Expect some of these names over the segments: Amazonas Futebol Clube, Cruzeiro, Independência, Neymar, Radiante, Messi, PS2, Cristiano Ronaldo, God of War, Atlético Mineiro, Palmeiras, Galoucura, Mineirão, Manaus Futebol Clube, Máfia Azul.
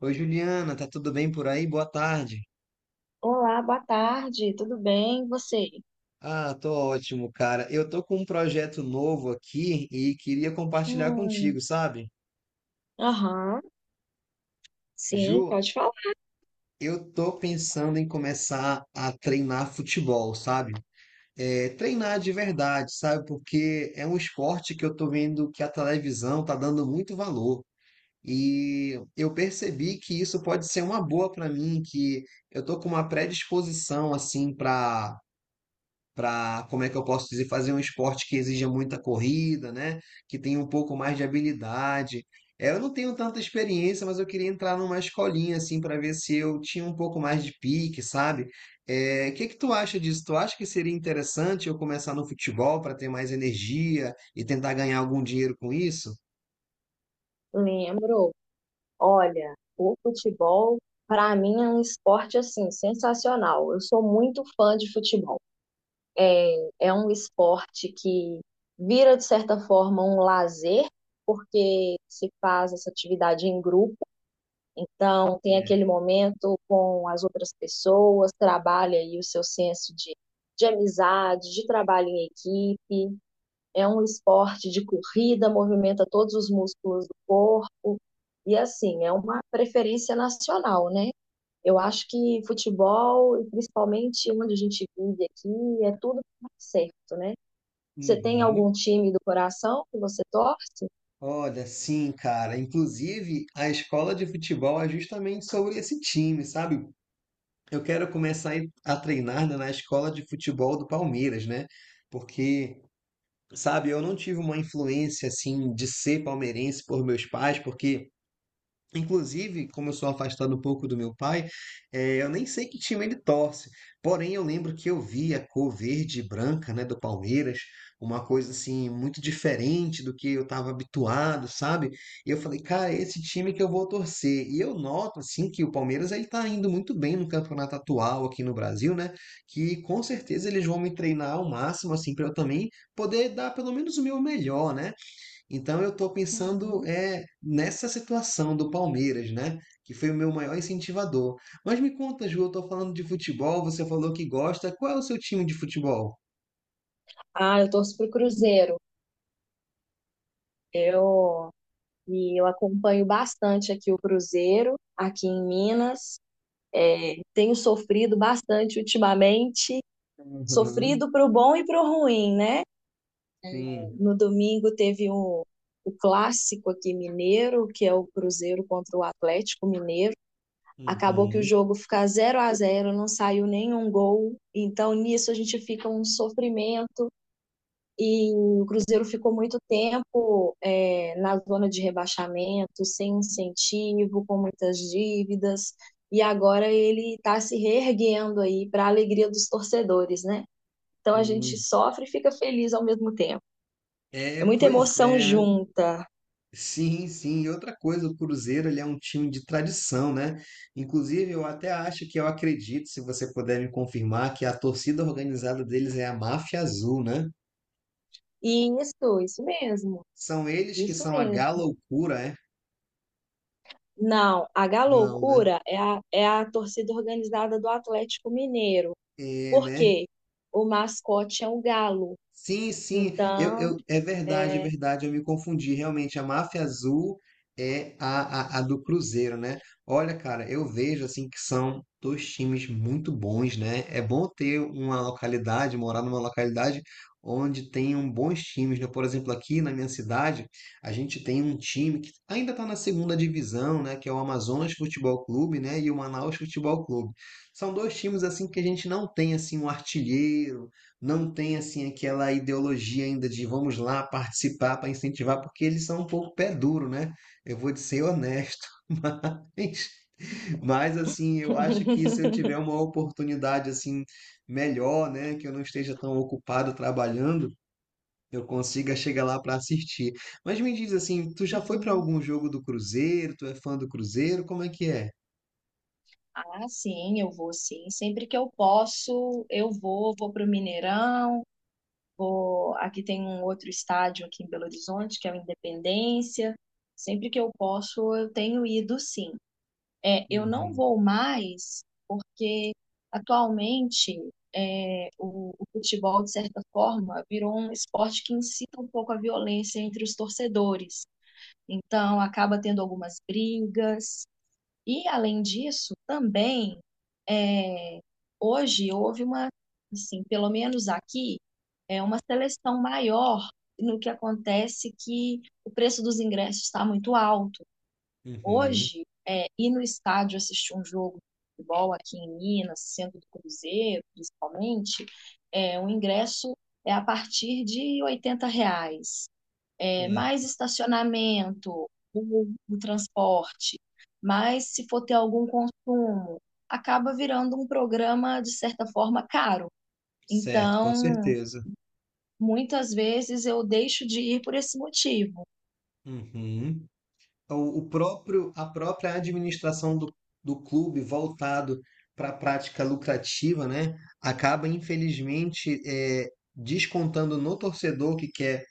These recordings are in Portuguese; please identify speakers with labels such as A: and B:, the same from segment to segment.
A: Oi, Juliana, tá tudo bem por aí? Boa tarde.
B: Olá, boa tarde, tudo bem? E você?
A: Ah, tô ótimo, cara. Eu tô com um projeto novo aqui e queria compartilhar
B: Hum,
A: contigo, sabe?
B: aham, sim,
A: Ju,
B: pode falar.
A: eu tô pensando em começar a treinar futebol, sabe? É, treinar de verdade, sabe? Porque é um esporte que eu tô vendo que a televisão tá dando muito valor. E eu percebi que isso pode ser uma boa pra mim, que eu tô com uma predisposição assim para, como é que eu posso dizer, fazer um esporte que exija muita corrida, né? Que tenha um pouco mais de habilidade. É, eu não tenho tanta experiência, mas eu queria entrar numa escolinha assim para ver se eu tinha um pouco mais de pique, sabe? É, o que que tu acha disso? Tu acha que seria interessante eu começar no futebol para ter mais energia e tentar ganhar algum dinheiro com isso?
B: Lembro. Olha, o futebol, para mim, é um esporte assim sensacional. Eu sou muito fã de futebol. É um esporte que vira, de certa forma, um lazer, porque se faz essa atividade em grupo. Então, tem
A: É.
B: aquele momento com as outras pessoas, trabalha aí o seu senso de amizade, de trabalho em equipe. É um esporte de corrida, movimenta todos os músculos do corpo. E assim, é uma preferência nacional, né? Eu acho que futebol, e principalmente onde a gente vive aqui, é tudo certo, né? Você tem
A: Uhum.
B: algum time do coração que você torce?
A: Olha, sim, cara. Inclusive, a escola de futebol é justamente sobre esse time, sabe? Eu quero começar a treinar, né, na escola de futebol do Palmeiras, né? Porque, sabe, eu não tive uma influência assim de ser palmeirense por meus pais, porque inclusive, como eu sou afastado um pouco do meu pai, eu nem sei que time ele torce. Porém, eu lembro que eu vi a cor verde e branca, né, do Palmeiras, uma coisa assim muito diferente do que eu estava habituado, sabe? E eu falei, cara, é esse time que eu vou torcer. E eu noto assim que o Palmeiras ele está indo muito bem no campeonato atual aqui no Brasil, né? Que com certeza eles vão me treinar ao máximo assim para eu também poder dar pelo menos o meu melhor, né? Então eu estou pensando é, nessa situação do Palmeiras, né? Que foi o meu maior incentivador. Mas me conta, Ju, eu estou falando de futebol, você falou que gosta. Qual é o seu time de futebol?
B: Ah, eu torço pro Cruzeiro. Eu e eu acompanho bastante aqui o Cruzeiro, aqui em Minas. É, tenho sofrido bastante ultimamente,
A: Uhum,
B: sofrido pro bom e pro ruim, né?
A: sim.
B: No domingo teve o clássico aqui mineiro, que é o Cruzeiro contra o Atlético Mineiro. Acabou que o
A: Uhum,
B: jogo fica zero a zero, não saiu nenhum gol. Então nisso a gente fica um sofrimento e o Cruzeiro ficou muito tempo na zona de rebaixamento, sem incentivo, com muitas dívidas. E agora ele está se reerguendo aí para a alegria dos torcedores, né? Então a gente
A: sim.
B: sofre e fica feliz ao mesmo tempo.
A: É,
B: É muita
A: pois
B: emoção
A: é, né?
B: junta.
A: Sim, sim. E outra coisa, o Cruzeiro, ele é um time de tradição, né? Inclusive, eu até acho que eu acredito, se você puder me confirmar, que a torcida organizada deles é a Máfia Azul, né?
B: Isso mesmo,
A: São eles que
B: isso
A: são a
B: mesmo.
A: galoucura, é?
B: Não, a
A: Não, né?
B: Galoucura é a, é a torcida organizada do Atlético Mineiro.
A: É,
B: Por
A: né?
B: quê? O mascote é o galo.
A: Sim, sim, eu,
B: Então,
A: eu, é
B: é...
A: verdade, eu me confundi. Realmente, a Máfia Azul é a do Cruzeiro, né? Olha, cara, eu vejo assim que são dois times muito bons, né? É bom ter uma localidade, morar numa localidade onde tenham bons times, né? Por exemplo, aqui na minha cidade, a gente tem um time que ainda está na segunda divisão, né? Que é o Amazonas Futebol Clube, né? E o Manaus Futebol Clube. São dois times assim que a gente não tem assim um artilheiro, não tem assim aquela ideologia ainda de vamos lá participar para incentivar, porque eles são um pouco pé duro, né? Eu vou ser honesto, mas, mas assim, eu acho que se
B: Uhum.
A: eu tiver uma oportunidade assim melhor, né, que eu não esteja tão ocupado trabalhando, eu consiga chegar lá para assistir. Mas me diz assim, tu já foi para algum jogo do Cruzeiro? Tu é fã do Cruzeiro? Como é que é?
B: Ah, sim, eu vou sim. Sempre que eu posso, eu vou, vou para o Mineirão, vou. Aqui tem um outro estádio aqui em Belo Horizonte, que é o Independência. Sempre que eu posso, eu tenho ido sim. É, eu não
A: Uhum,
B: vou mais porque atualmente o futebol, de certa forma, virou um esporte que incita um pouco a violência entre os torcedores. Então, acaba tendo algumas brigas. E, além disso, também, é, hoje houve assim, pelo menos aqui, é uma seleção maior no que acontece que o preço dos ingressos está muito alto.
A: uhum,
B: Hoje, ir no estádio assistir um jogo de futebol aqui em Minas, sendo do Cruzeiro, principalmente, o ingresso é a partir de R$ 80. Mais
A: certo,
B: estacionamento, o transporte, mas se for ter algum consumo, acaba virando um programa, de certa forma, caro.
A: certo, com
B: Então,
A: certeza.
B: muitas vezes eu deixo de ir por esse motivo.
A: Uhum. O próprio, a própria administração do, do clube voltado para a prática lucrativa, né, acaba infelizmente descontando no torcedor que quer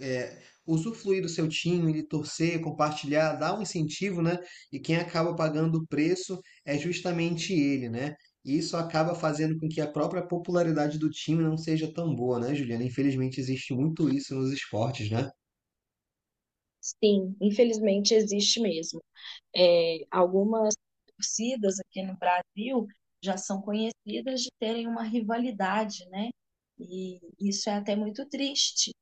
A: usufruir do seu time, ele torcer, compartilhar, dar um incentivo, né, e quem acaba pagando o preço é justamente ele, né. E isso acaba fazendo com que a própria popularidade do time não seja tão boa, né, Juliana? Infelizmente existe muito isso nos esportes, né?
B: Sim, infelizmente existe mesmo. É, algumas torcidas aqui no Brasil já são conhecidas de terem uma rivalidade, né? E isso é até muito triste.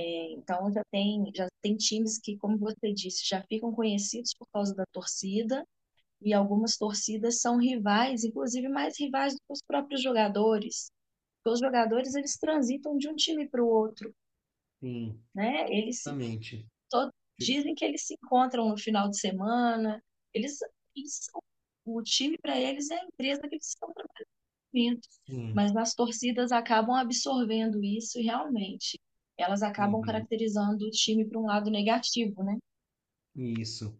B: Então já tem times que, como você disse, já ficam conhecidos por causa da torcida, e algumas torcidas são rivais, inclusive mais rivais do que os próprios jogadores. Porque os jogadores eles transitam de um time para o outro,
A: Sim,
B: né? Eles se
A: exatamente.
B: to- dizem que eles se encontram no final de semana. Eles, eles são- o time para eles é a empresa que eles estão trabalhando.
A: Sim.
B: Mas as torcidas acabam absorvendo isso e realmente elas acabam
A: Uhum,
B: caracterizando o time para um lado negativo, né?
A: isso.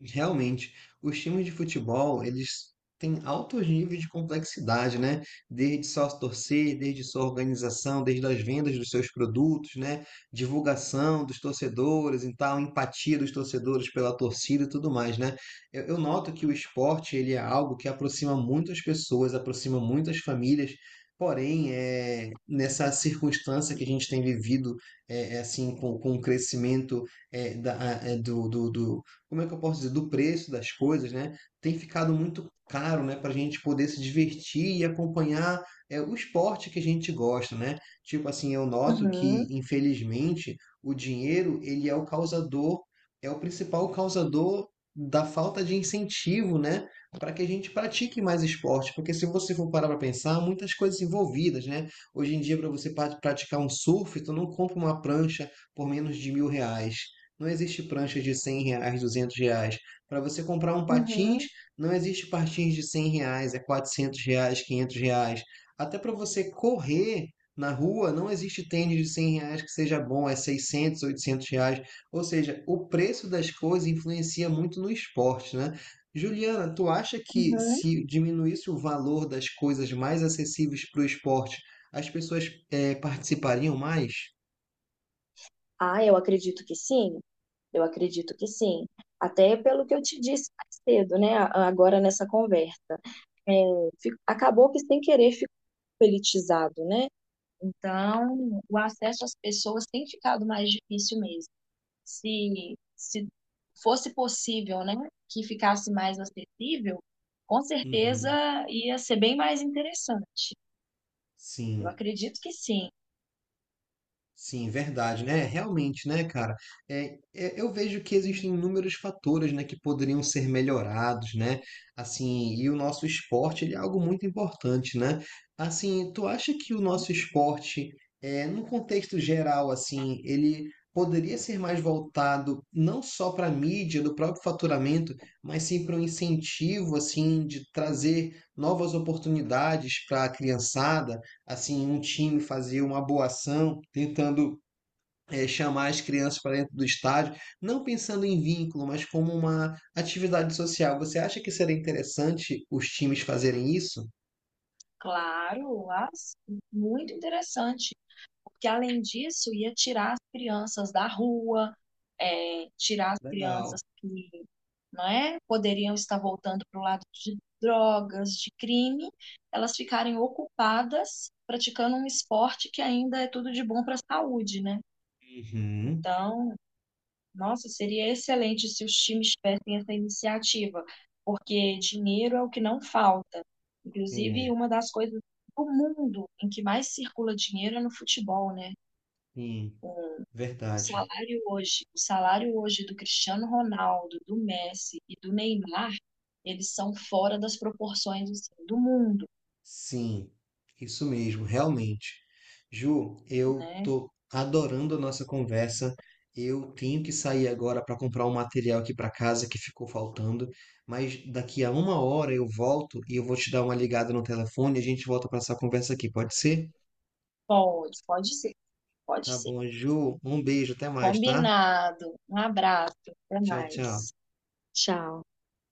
A: Realmente, os times de futebol, eles têm altos níveis de complexidade, né? Desde sócio torcer, desde sua organização, desde as vendas dos seus produtos, né? Divulgação dos torcedores e tal, empatia dos torcedores pela torcida e tudo mais, né? Eu noto que o esporte, ele é algo que aproxima muitas pessoas, aproxima muitas famílias. Porém, é, nessa circunstância que a gente tem vivido, é, é assim, com o crescimento é, da, é, do como é que eu posso dizer, do preço das coisas, né? Tem ficado muito caro, né, para a gente poder se divertir e acompanhar é, o esporte que a gente gosta, né? Tipo assim, eu noto que,
B: Uhum,
A: infelizmente, o dinheiro, ele é o causador, é o principal causador da falta de incentivo, né? Para que a gente pratique mais esporte, porque se você for parar para pensar, muitas coisas envolvidas, né? Hoje em dia, para você praticar um surf, tu não compra uma prancha por menos de 1.000 reais. Não existe prancha de 100 reais, 200 reais. Para você comprar um patins,
B: uhum,
A: não existe patins de 100 reais, é 400 reais, 500 reais. Até para você correr na rua, não existe tênis de 100 reais que seja bom, é 600, 800 reais. Ou seja, o preço das coisas influencia muito no esporte, né? Juliana, tu acha que
B: uhum.
A: se diminuísse o valor das coisas mais acessíveis para o esporte, as pessoas participariam mais?
B: Ah, eu acredito que sim, eu acredito que sim. Até pelo que eu te disse mais cedo, né? Agora nessa conversa. É, Acabou que sem querer ficou politizado, né? Então, o acesso às pessoas tem ficado mais difícil mesmo. Se fosse possível, né, que ficasse mais acessível, com certeza
A: Uhum,
B: ia ser bem mais interessante. Eu
A: sim.
B: acredito que sim.
A: Sim, verdade, né? Realmente, né, cara? É, é, eu vejo que
B: Sim,
A: existem inúmeros fatores, né, que poderiam ser melhorados, né? Assim, e o nosso esporte, ele é algo muito importante, né? Assim, tu acha que o nosso esporte, é, no contexto geral, assim, ele poderia ser mais voltado não só para a mídia, do próprio faturamento, mas sim para um incentivo, assim, de trazer novas oportunidades para a criançada? Assim um time fazia uma boa ação, tentando chamar as crianças para dentro do estádio, não pensando em vínculo, mas como uma atividade social. Você acha que seria interessante os times fazerem isso?
B: claro, mas muito interessante. Porque além disso ia tirar as crianças da rua, é, tirar as
A: Legal.
B: crianças que não é, poderiam estar voltando para o lado de drogas, de crime, elas ficarem ocupadas praticando um esporte que ainda é tudo de bom para a saúde, né?
A: Uhum.
B: Então, nossa, seria excelente se os times tivessem essa iniciativa, porque dinheiro é o que não falta. Inclusive,
A: É,
B: uma das coisas do mundo em que mais circula dinheiro é no futebol, né?
A: sim,
B: Com
A: verdade.
B: o salário hoje do Cristiano Ronaldo, do Messi e do Neymar, eles são fora das proporções assim, do mundo,
A: Sim, isso mesmo, realmente. Ju, eu
B: né?
A: tô adorando a nossa conversa. Eu tenho que sair agora para comprar um material aqui para casa que ficou faltando, mas daqui a uma hora eu volto e eu vou te dar uma ligada no telefone e a gente volta para essa conversa aqui, pode ser?
B: Pode, pode ser, pode
A: Tá
B: ser.
A: bom, Ju. Um beijo, até mais, tá?
B: Combinado. Um abraço, até
A: Tchau, tchau.
B: mais. Tchau.